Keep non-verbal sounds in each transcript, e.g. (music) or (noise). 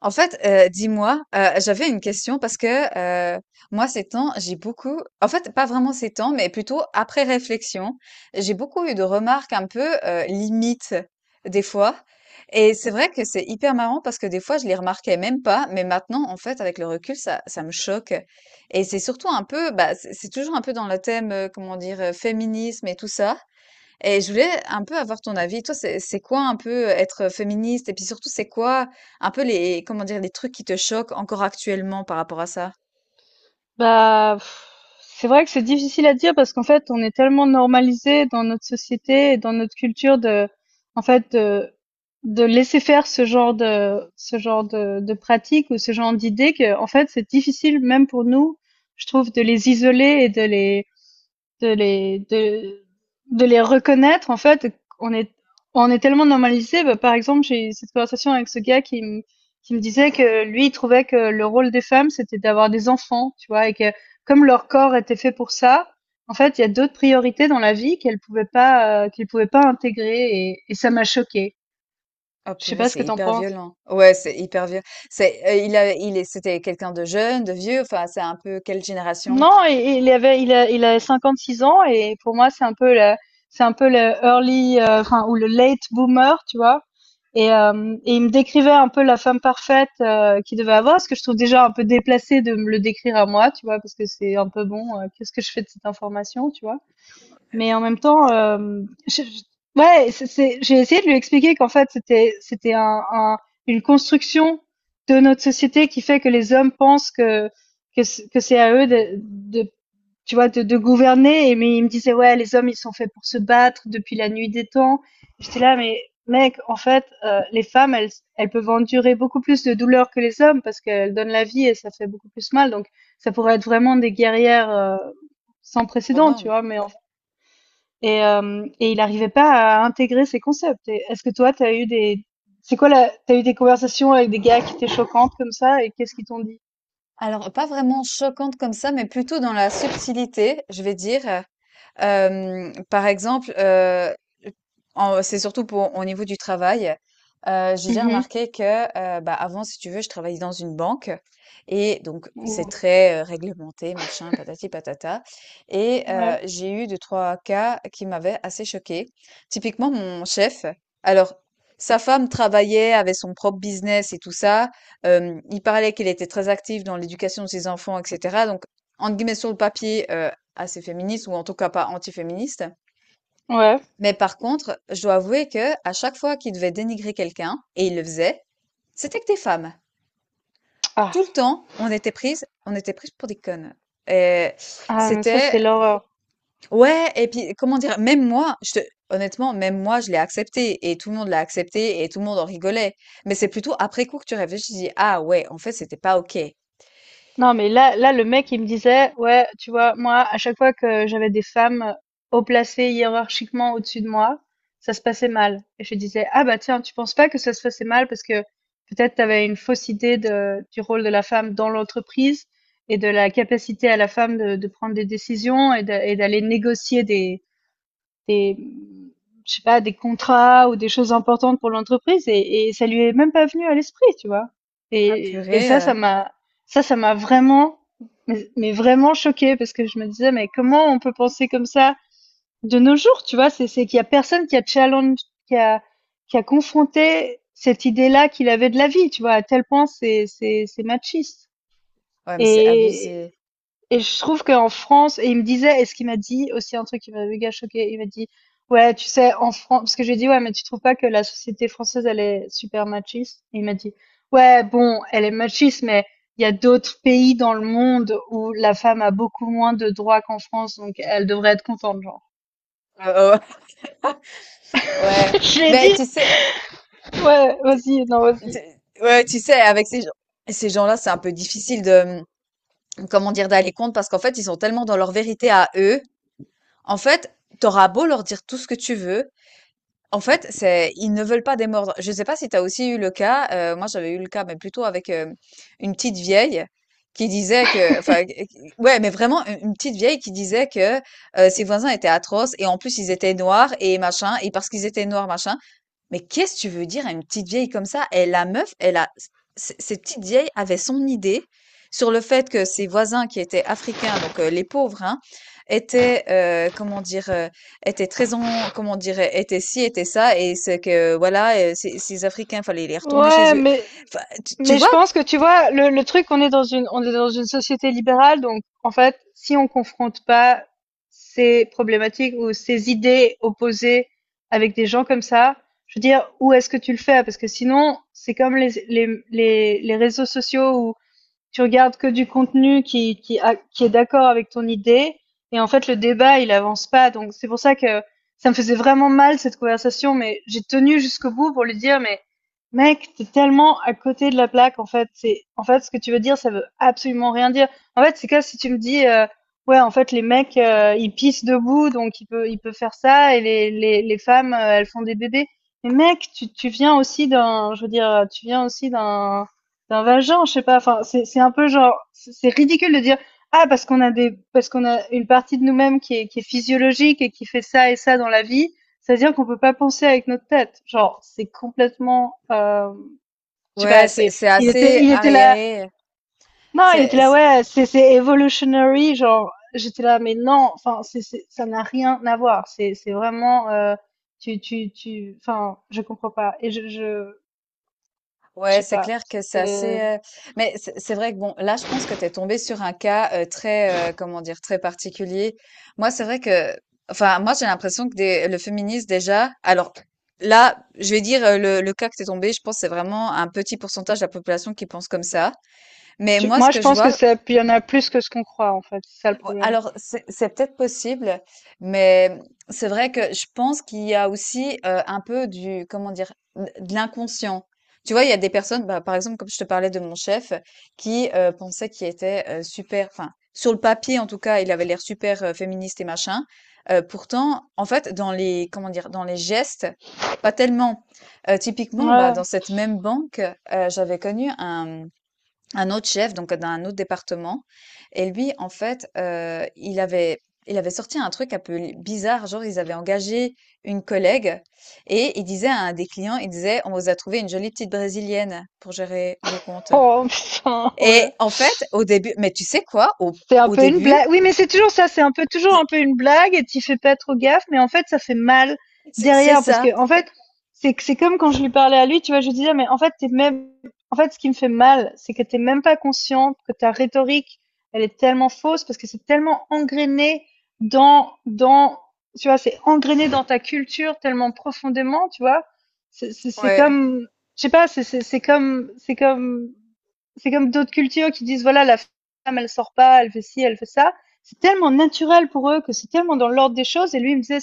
En fait, dis-moi, j'avais une question parce que, moi ces temps, j'ai beaucoup en fait, pas vraiment ces temps, mais plutôt après réflexion, j'ai beaucoup eu de remarques un peu, limites des fois. Et c'est vrai que c'est hyper marrant parce que des fois, je les remarquais même pas, mais maintenant, en fait, avec le recul, ça me choque. Et c'est surtout un peu, bah, c'est toujours un peu dans le thème, comment dire? Féminisme et tout ça. Et je voulais un peu avoir ton avis. Toi, c'est quoi un peu être féministe? Et puis surtout, c'est quoi un peu les, comment dire, les trucs qui te choquent encore actuellement par rapport à ça? Bah, pff, c'est vrai que c'est difficile à dire parce qu'en fait, on est tellement normalisé dans notre société et dans notre culture de, en fait, de laisser faire ce genre de pratiques ou ce genre d'idées que, en fait, c'est difficile même pour nous, je trouve, de les isoler et de les de de les reconnaître en fait. On est on est tellement normalisé, bah, par exemple j'ai eu cette conversation avec ce gars qui me disait que lui il trouvait que le rôle des femmes c'était d'avoir des enfants, tu vois, et que comme leur corps était fait pour ça, en fait il y a d'autres priorités dans la vie qu'elles pouvaient pas, qu'ils pouvaient pas intégrer, et ça m'a choqué. Oh Je sais purée, pas ce c'est que t'en hyper penses. violent. Ouais, c'est hyper violent. C'est, il a, il est, c'était quelqu'un de jeune, de vieux. Enfin, c'est un peu quelle génération? Non, et il avait, il a 56 ans et pour moi c'est un peu le, early, enfin ou le late boomer, tu vois. Et il me décrivait un peu la femme parfaite, qu'il devait avoir, ce que je trouve déjà un peu déplacé de me le décrire à moi, tu vois, parce que c'est un peu bon, qu'est-ce que je fais de cette information, tu vois. Mais en même temps, je- je- ouais, j'ai essayé de lui expliquer qu'en fait, c'était un, une construction de notre société qui fait que les hommes pensent que, que c'est à eux de, tu vois, de gouverner. Et mais il me disait, ouais, les hommes, ils sont faits pour se battre depuis la nuit des temps. J'étais là, mais mec, en fait, les femmes, elles peuvent endurer beaucoup plus de douleurs que les hommes parce qu'elles donnent la vie et ça fait beaucoup plus mal. Donc, ça pourrait être vraiment des guerrières, sans Hors précédent, tu norme. vois, mais et il n'arrivait pas à intégrer ces concepts. Et est-ce que toi, t'as eu des... T'as eu des conversations avec des gars qui étaient choquantes comme ça et qu'est-ce qu'ils t'ont dit? Alors, pas vraiment choquante comme ça, mais plutôt dans la subtilité, je vais dire. Par exemple, en c'est surtout pour au niveau du travail. J'ai déjà Mmh mh. remarqué que, bah, avant, si tu veux, je travaillais dans une banque et donc c'est Ou- très, réglementé, machin, patati patata. Et Ouais, j'ai eu deux trois cas qui m'avaient assez choquée. Typiquement, mon chef, alors sa femme travaillait, avait son propre business et tout ça. Il parlait qu'il était très actif dans l'éducation de ses enfants et cetera, donc entre guillemets «sur le papier», assez féministe ou en tout cas pas antiféministe. ouais. Mais par contre, je dois avouer que à chaque fois qu'il devait dénigrer quelqu'un, et il le faisait, c'était que des femmes. Tout Ah, le temps, on était prises pour des connes. Et ah mais ça, c'était c'est l'horreur. ouais. Et puis comment dire? Même moi, je te honnêtement, même moi, je l'ai accepté et tout le monde l'a accepté et tout le monde en rigolait. Mais c'est plutôt après coup que tu réfléchis, tu dis: «Ah ouais, en fait, c'était pas OK». Non, mais là, là, le mec, il me disait, ouais, tu vois, moi, à chaque fois que j'avais des femmes haut placées hiérarchiquement au-dessus de moi, ça se passait mal. Et je disais, ah bah tiens, tu penses pas que ça se passait mal parce que peut-être tu avais une fausse idée de, du rôle de la femme dans l'entreprise et de la capacité à la femme de prendre des décisions et d'aller négocier des, je sais pas, des contrats ou des choses importantes pour l'entreprise, et ça lui est même pas venu à l'esprit, tu vois. Ah Et, et purée, ça, ça m'a, ça, ça m'a vraiment, mais vraiment choqué parce que je me disais, mais comment on peut penser comme ça de nos jours, tu vois? C'est qu'il y a personne qui a challenge, qui a, qui a confronté cette idée-là qu'il avait de la vie, tu vois. À tel point, c'est machiste. ouais, mais c'est Et, abusé. et je trouve qu'en France, et il me disait, et ce qu'il m'a dit aussi un truc qui m'a méga choqué, il m'a dit: «Ouais, tu sais, en France», parce que je lui ai dit: «Ouais, mais tu trouves pas que la société française, elle est super machiste?» et il m'a dit: «Ouais, bon, elle est machiste, mais il y a d'autres pays dans le monde où la femme a beaucoup moins de droits qu'en France, donc elle devrait être contente, genre». Heu, heu, (laughs) ouais, (laughs) Je lui ai mais dit: tu sais «Ouais, tu vas-y, non, vas-y». tu ouais, tu sais, avec ces gens-là, c'est un peu difficile de, mmh, comment dire? D'aller contre parce qu'en fait, ils sont tellement dans leur vérité à eux. En fait, t'auras beau leur dire tout ce que tu veux, en fait, c'est ils ne veulent pas démordre. Je sais pas si tu as aussi eu le cas, moi j'avais eu le cas, mais plutôt avec, une petite vieille qui disait que enfin, q q ouais, mais vraiment u une petite vieille qui disait que, ses voisins étaient atroces et en plus ils étaient noirs et machin et parce qu'ils étaient noirs, machin, mais qu'est-ce que tu veux dire à une petite vieille comme ça? Et la meuf, elle a, c- cette petite vieille avait son idée sur le fait que ses voisins qui étaient africains, donc les pauvres, hein, étaient, étaient très en, comment dire, étaient ci, étaient ça, et c'est que, voilà, ces Africains, fallait les retourner chez Ouais, eux. mais Enfin, tu Mais je vois? pense que, tu vois, le truc, on est dans une société libérale, donc en fait, si on confronte pas ces problématiques ou ces idées opposées avec des gens comme ça, je veux dire, où est-ce que tu le fais? Parce que sinon, c'est comme les réseaux sociaux où tu regardes que du contenu qui est d'accord avec ton idée. Et en fait, le débat, il avance pas. Donc, c'est pour ça que ça me faisait vraiment mal, cette conversation. Mais j'ai tenu jusqu'au bout pour lui dire, mais mec, t'es tellement à côté de la plaque. En fait, ce que tu veux dire, ça veut absolument rien dire. En fait, c'est comme si tu me dis, ouais, en fait, les mecs, ils pissent debout, donc ils peuvent faire ça. Et les femmes, elles font des bébés. Mais mec, tu viens aussi d'un, je veux dire, tu viens aussi d'un, c'est un vagin, je sais pas. Enfin, c'est un peu genre, c'est ridicule de dire, ah parce qu'on a des, parce qu'on a une partie de nous-mêmes qui est physiologique et qui fait ça et ça dans la vie, c'est à dire qu'on peut pas penser avec notre tête. Genre, c'est complètement, je sais Ouais, pas. c'est C'est, c'est il était, assez il était là. arriéré. Non, il était C'est, là. Ouais, c'est evolutionary. Genre, j'étais là, mais non. Enfin, ça n'a rien à voir. C'est vraiment, tu tu tu. Enfin, je comprends pas. Et je Ouais, sais c'est pas. clair que c'est assez. Mais c'est vrai que bon, là, je pense que t'es tombé sur un cas très, comment dire, très particulier. Moi, c'est vrai que, enfin, moi, j'ai l'impression que le féminisme déjà. Alors là, je vais dire le cas que t'es tombé. Je pense que c'est vraiment un petit pourcentage de la population qui pense comme ça. Mais moi, ce Moi, que je je pense que vois, ça, il y en a plus que ce qu'on croit, en fait. C'est ça le ouais. problème. Alors, c'est peut-être possible, mais c'est vrai que je pense qu'il y a aussi un peu du, comment dire, de l'inconscient. Tu vois, il y a des personnes, bah, par exemple, comme je te parlais de mon chef, qui pensait qu'il était super, enfin, sur le papier en tout cas, il avait l'air super féministe et machin. Pourtant, en fait, dans les, comment dire, dans les gestes, pas tellement. Typiquement, bah, Ouais. dans cette même banque, j'avais connu un autre chef, donc d'un autre département. Et lui, en fait, il avait sorti un truc un peu l bizarre, genre ils avaient engagé une collègue et il disait à un des clients, il disait: «On vous a trouvé une jolie petite brésilienne pour gérer vos comptes». Oh, (laughs) putain, ouais. Et en fait, au début mais tu sais quoi? Au C'est un au peu une blague. début, Oui, mais c'est toujours ça. C'est un peu toujours un c'est peu une blague et tu fais pas trop gaffe, mais en fait, ça fait mal c'est c'est derrière, parce ça. que en fait, c'est comme quand je lui parlais à lui, tu vois, je lui disais, mais en fait, t'es même, en fait, ce qui me fait mal, c'est que t'es même pas consciente que ta rhétorique, elle est tellement fausse parce que c'est tellement engrainé dans dans tu vois, c'est engrainé dans ta culture tellement profondément, tu vois. C'est c'est- c'est Ouais, comme je sais pas, c'est comme d'autres cultures qui disent voilà, la femme, elle sort pas, elle fait ci, elle fait ça. C'est tellement naturel pour eux, que c'est tellement dans l'ordre des choses. Et lui, il me disait,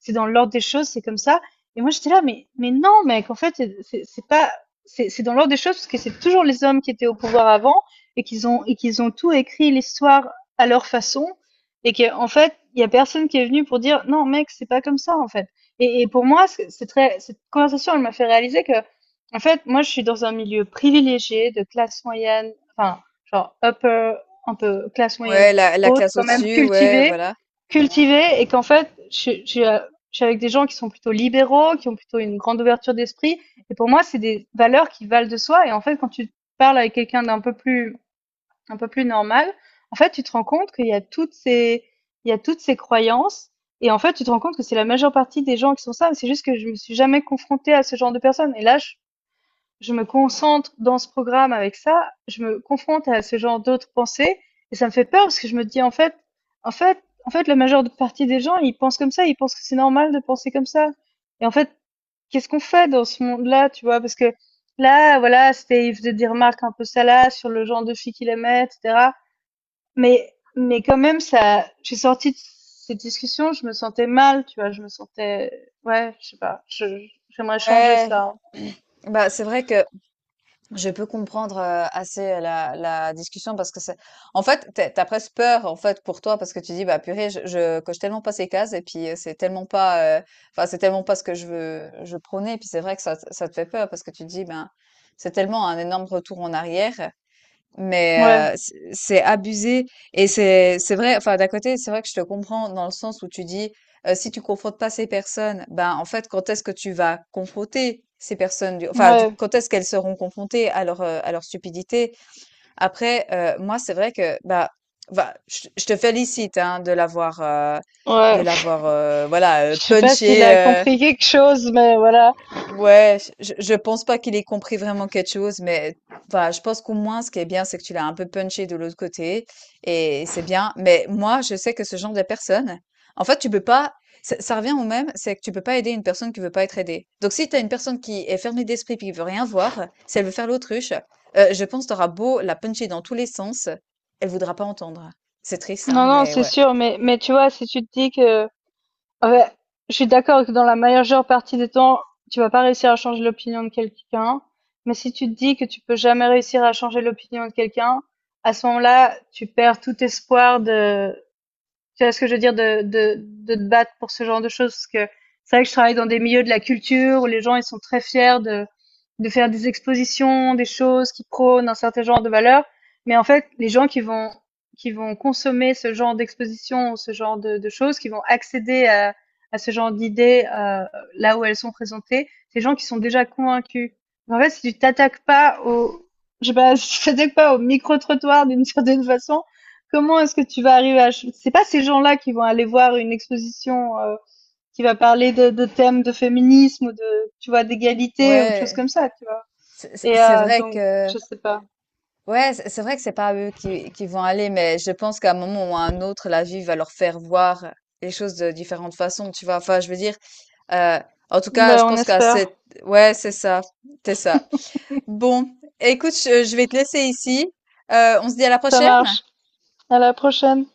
c'est dans l'ordre des choses, c'est comme ça. Et moi, j'étais là, mais non, mec, en fait, c'est pas, c'est dans l'ordre des choses parce que c'est toujours les hommes qui étaient au pouvoir avant, et qu'ils ont tout écrit l'histoire à leur façon et qu'en fait, il y a personne qui est venu pour dire non, mec, c'est pas comme ça, en fait. Et pour moi, c'est très, cette conversation, elle m'a fait réaliser que, en fait, moi, je suis dans un milieu privilégié de classe moyenne, enfin, genre upper, un peu classe ouais, moyenne la haute, classe quand même, au-dessus, ouais, cultivée, voilà. cultivée, et qu'en fait, je suis avec des gens qui sont plutôt libéraux, qui ont plutôt une grande ouverture d'esprit. Et pour moi, c'est des valeurs qui valent de soi. Et en fait, quand tu parles avec quelqu'un d'un peu plus, un peu plus normal, en fait, tu te rends compte qu'il y a toutes ces, il y a toutes ces croyances. Et en fait, tu te rends compte que c'est la majeure partie des gens qui sont ça. C'est juste que je me suis jamais confrontée à ce genre de personnes. Et là, je me concentre dans ce programme avec ça, je me confronte à ce genre d'autres pensées et ça me fait peur parce que je me dis, en fait, la majeure partie des gens, ils pensent comme ça, ils pensent que c'est normal de penser comme ça. Et en fait, qu'est-ce qu'on fait dans ce monde-là, tu vois? Parce que là, voilà, c'était, il faisait des remarques un peu salaces sur le genre de filles qu'il aimait, etc. Mais quand même, ça, j'ai sorti de cette discussion, je me sentais mal, tu vois, je me sentais, ouais, je sais pas, j'aimerais changer Ouais. ça. (clears throat) Bah, c'est vrai que je peux comprendre, assez la discussion parce que c'est en fait, t'as es presque peur, en fait, pour toi parce que tu dis: «Bah, purée, je coche tellement pas ces cases et puis, c'est tellement pas, enfin, c'est tellement pas ce que je prônais». Et puis c'est vrai que ça te fait peur parce que tu dis: «Ben, c'est tellement un énorme retour en arrière». Ouais, Mais c'est abusé et c'est vrai. Enfin, d'un côté, c'est vrai que je te comprends dans le sens où tu dis si tu confrontes pas ces personnes, ben en fait, quand est-ce que tu vas confronter ces personnes, ouais, quand est-ce qu'elles seront confrontées à leur stupidité? Après, moi, c'est vrai que bah je te félicite hein, de l'avoir ouais. Voilà Je sais pas s'il punché. a compris quelque chose, mais voilà. Ouais, je pense pas qu'il ait compris vraiment quelque chose, mais enfin, je pense qu'au moins, ce qui est bien, c'est que tu l'as un peu punché de l'autre côté, et c'est bien. Mais moi, je sais que ce genre de personne, en fait, tu peux pas, ça revient au même, c'est que tu peux pas aider une personne qui veut pas être aidée. Donc, si t'as une personne qui est fermée d'esprit puis qui veut rien voir, si elle veut faire l'autruche, je pense t'auras beau la puncher dans tous les sens, elle voudra pas entendre. C'est triste, hein, Non, non, mais c'est ouais. sûr. Mais tu vois, si tu te dis que, ouais, je suis d'accord que dans la majeure partie des temps, tu vas pas réussir à changer l'opinion de quelqu'un. Mais si tu te dis que tu peux jamais réussir à changer l'opinion de quelqu'un, à ce moment-là, tu perds tout espoir de, tu vois ce que je veux dire, de, de te battre pour ce genre de choses. Parce que c'est vrai que je travaille dans des milieux de la culture où les gens, ils sont très fiers de faire des expositions, des choses qui prônent un certain genre de valeurs. Mais en fait, les gens qui vont, consommer ce genre d'exposition, ce genre de choses, qui vont accéder à ce genre d'idées, là où elles sont présentées, c'est les gens qui sont déjà convaincus. En fait, si tu t'attaques pas au, je sais pas, (laughs) si tu t'attaques pas au micro-trottoir d'une certaine façon, Comment est-ce que tu vas arriver à... ch- c'est pas ces gens-là qui vont aller voir une exposition, qui va parler de, thèmes de féminisme ou de, tu vois, d'égalité ou de choses Ouais. comme ça, tu vois. C'est c'est- Et c'est vrai donc, que, je sais pas. ouais, c'est vrai que c'est pas eux qui vont aller, mais je pense qu'à un moment ou à un autre, la vie va leur faire voir les choses de différentes façons, tu vois. Enfin, je veux dire, euh, en tout cas, je Ben, on pense qu'à espère. cette, ouais, c'est ça. Bon, écoute, je vais te laisser ici. On se dit à la Ça prochaine. marche. À la prochaine.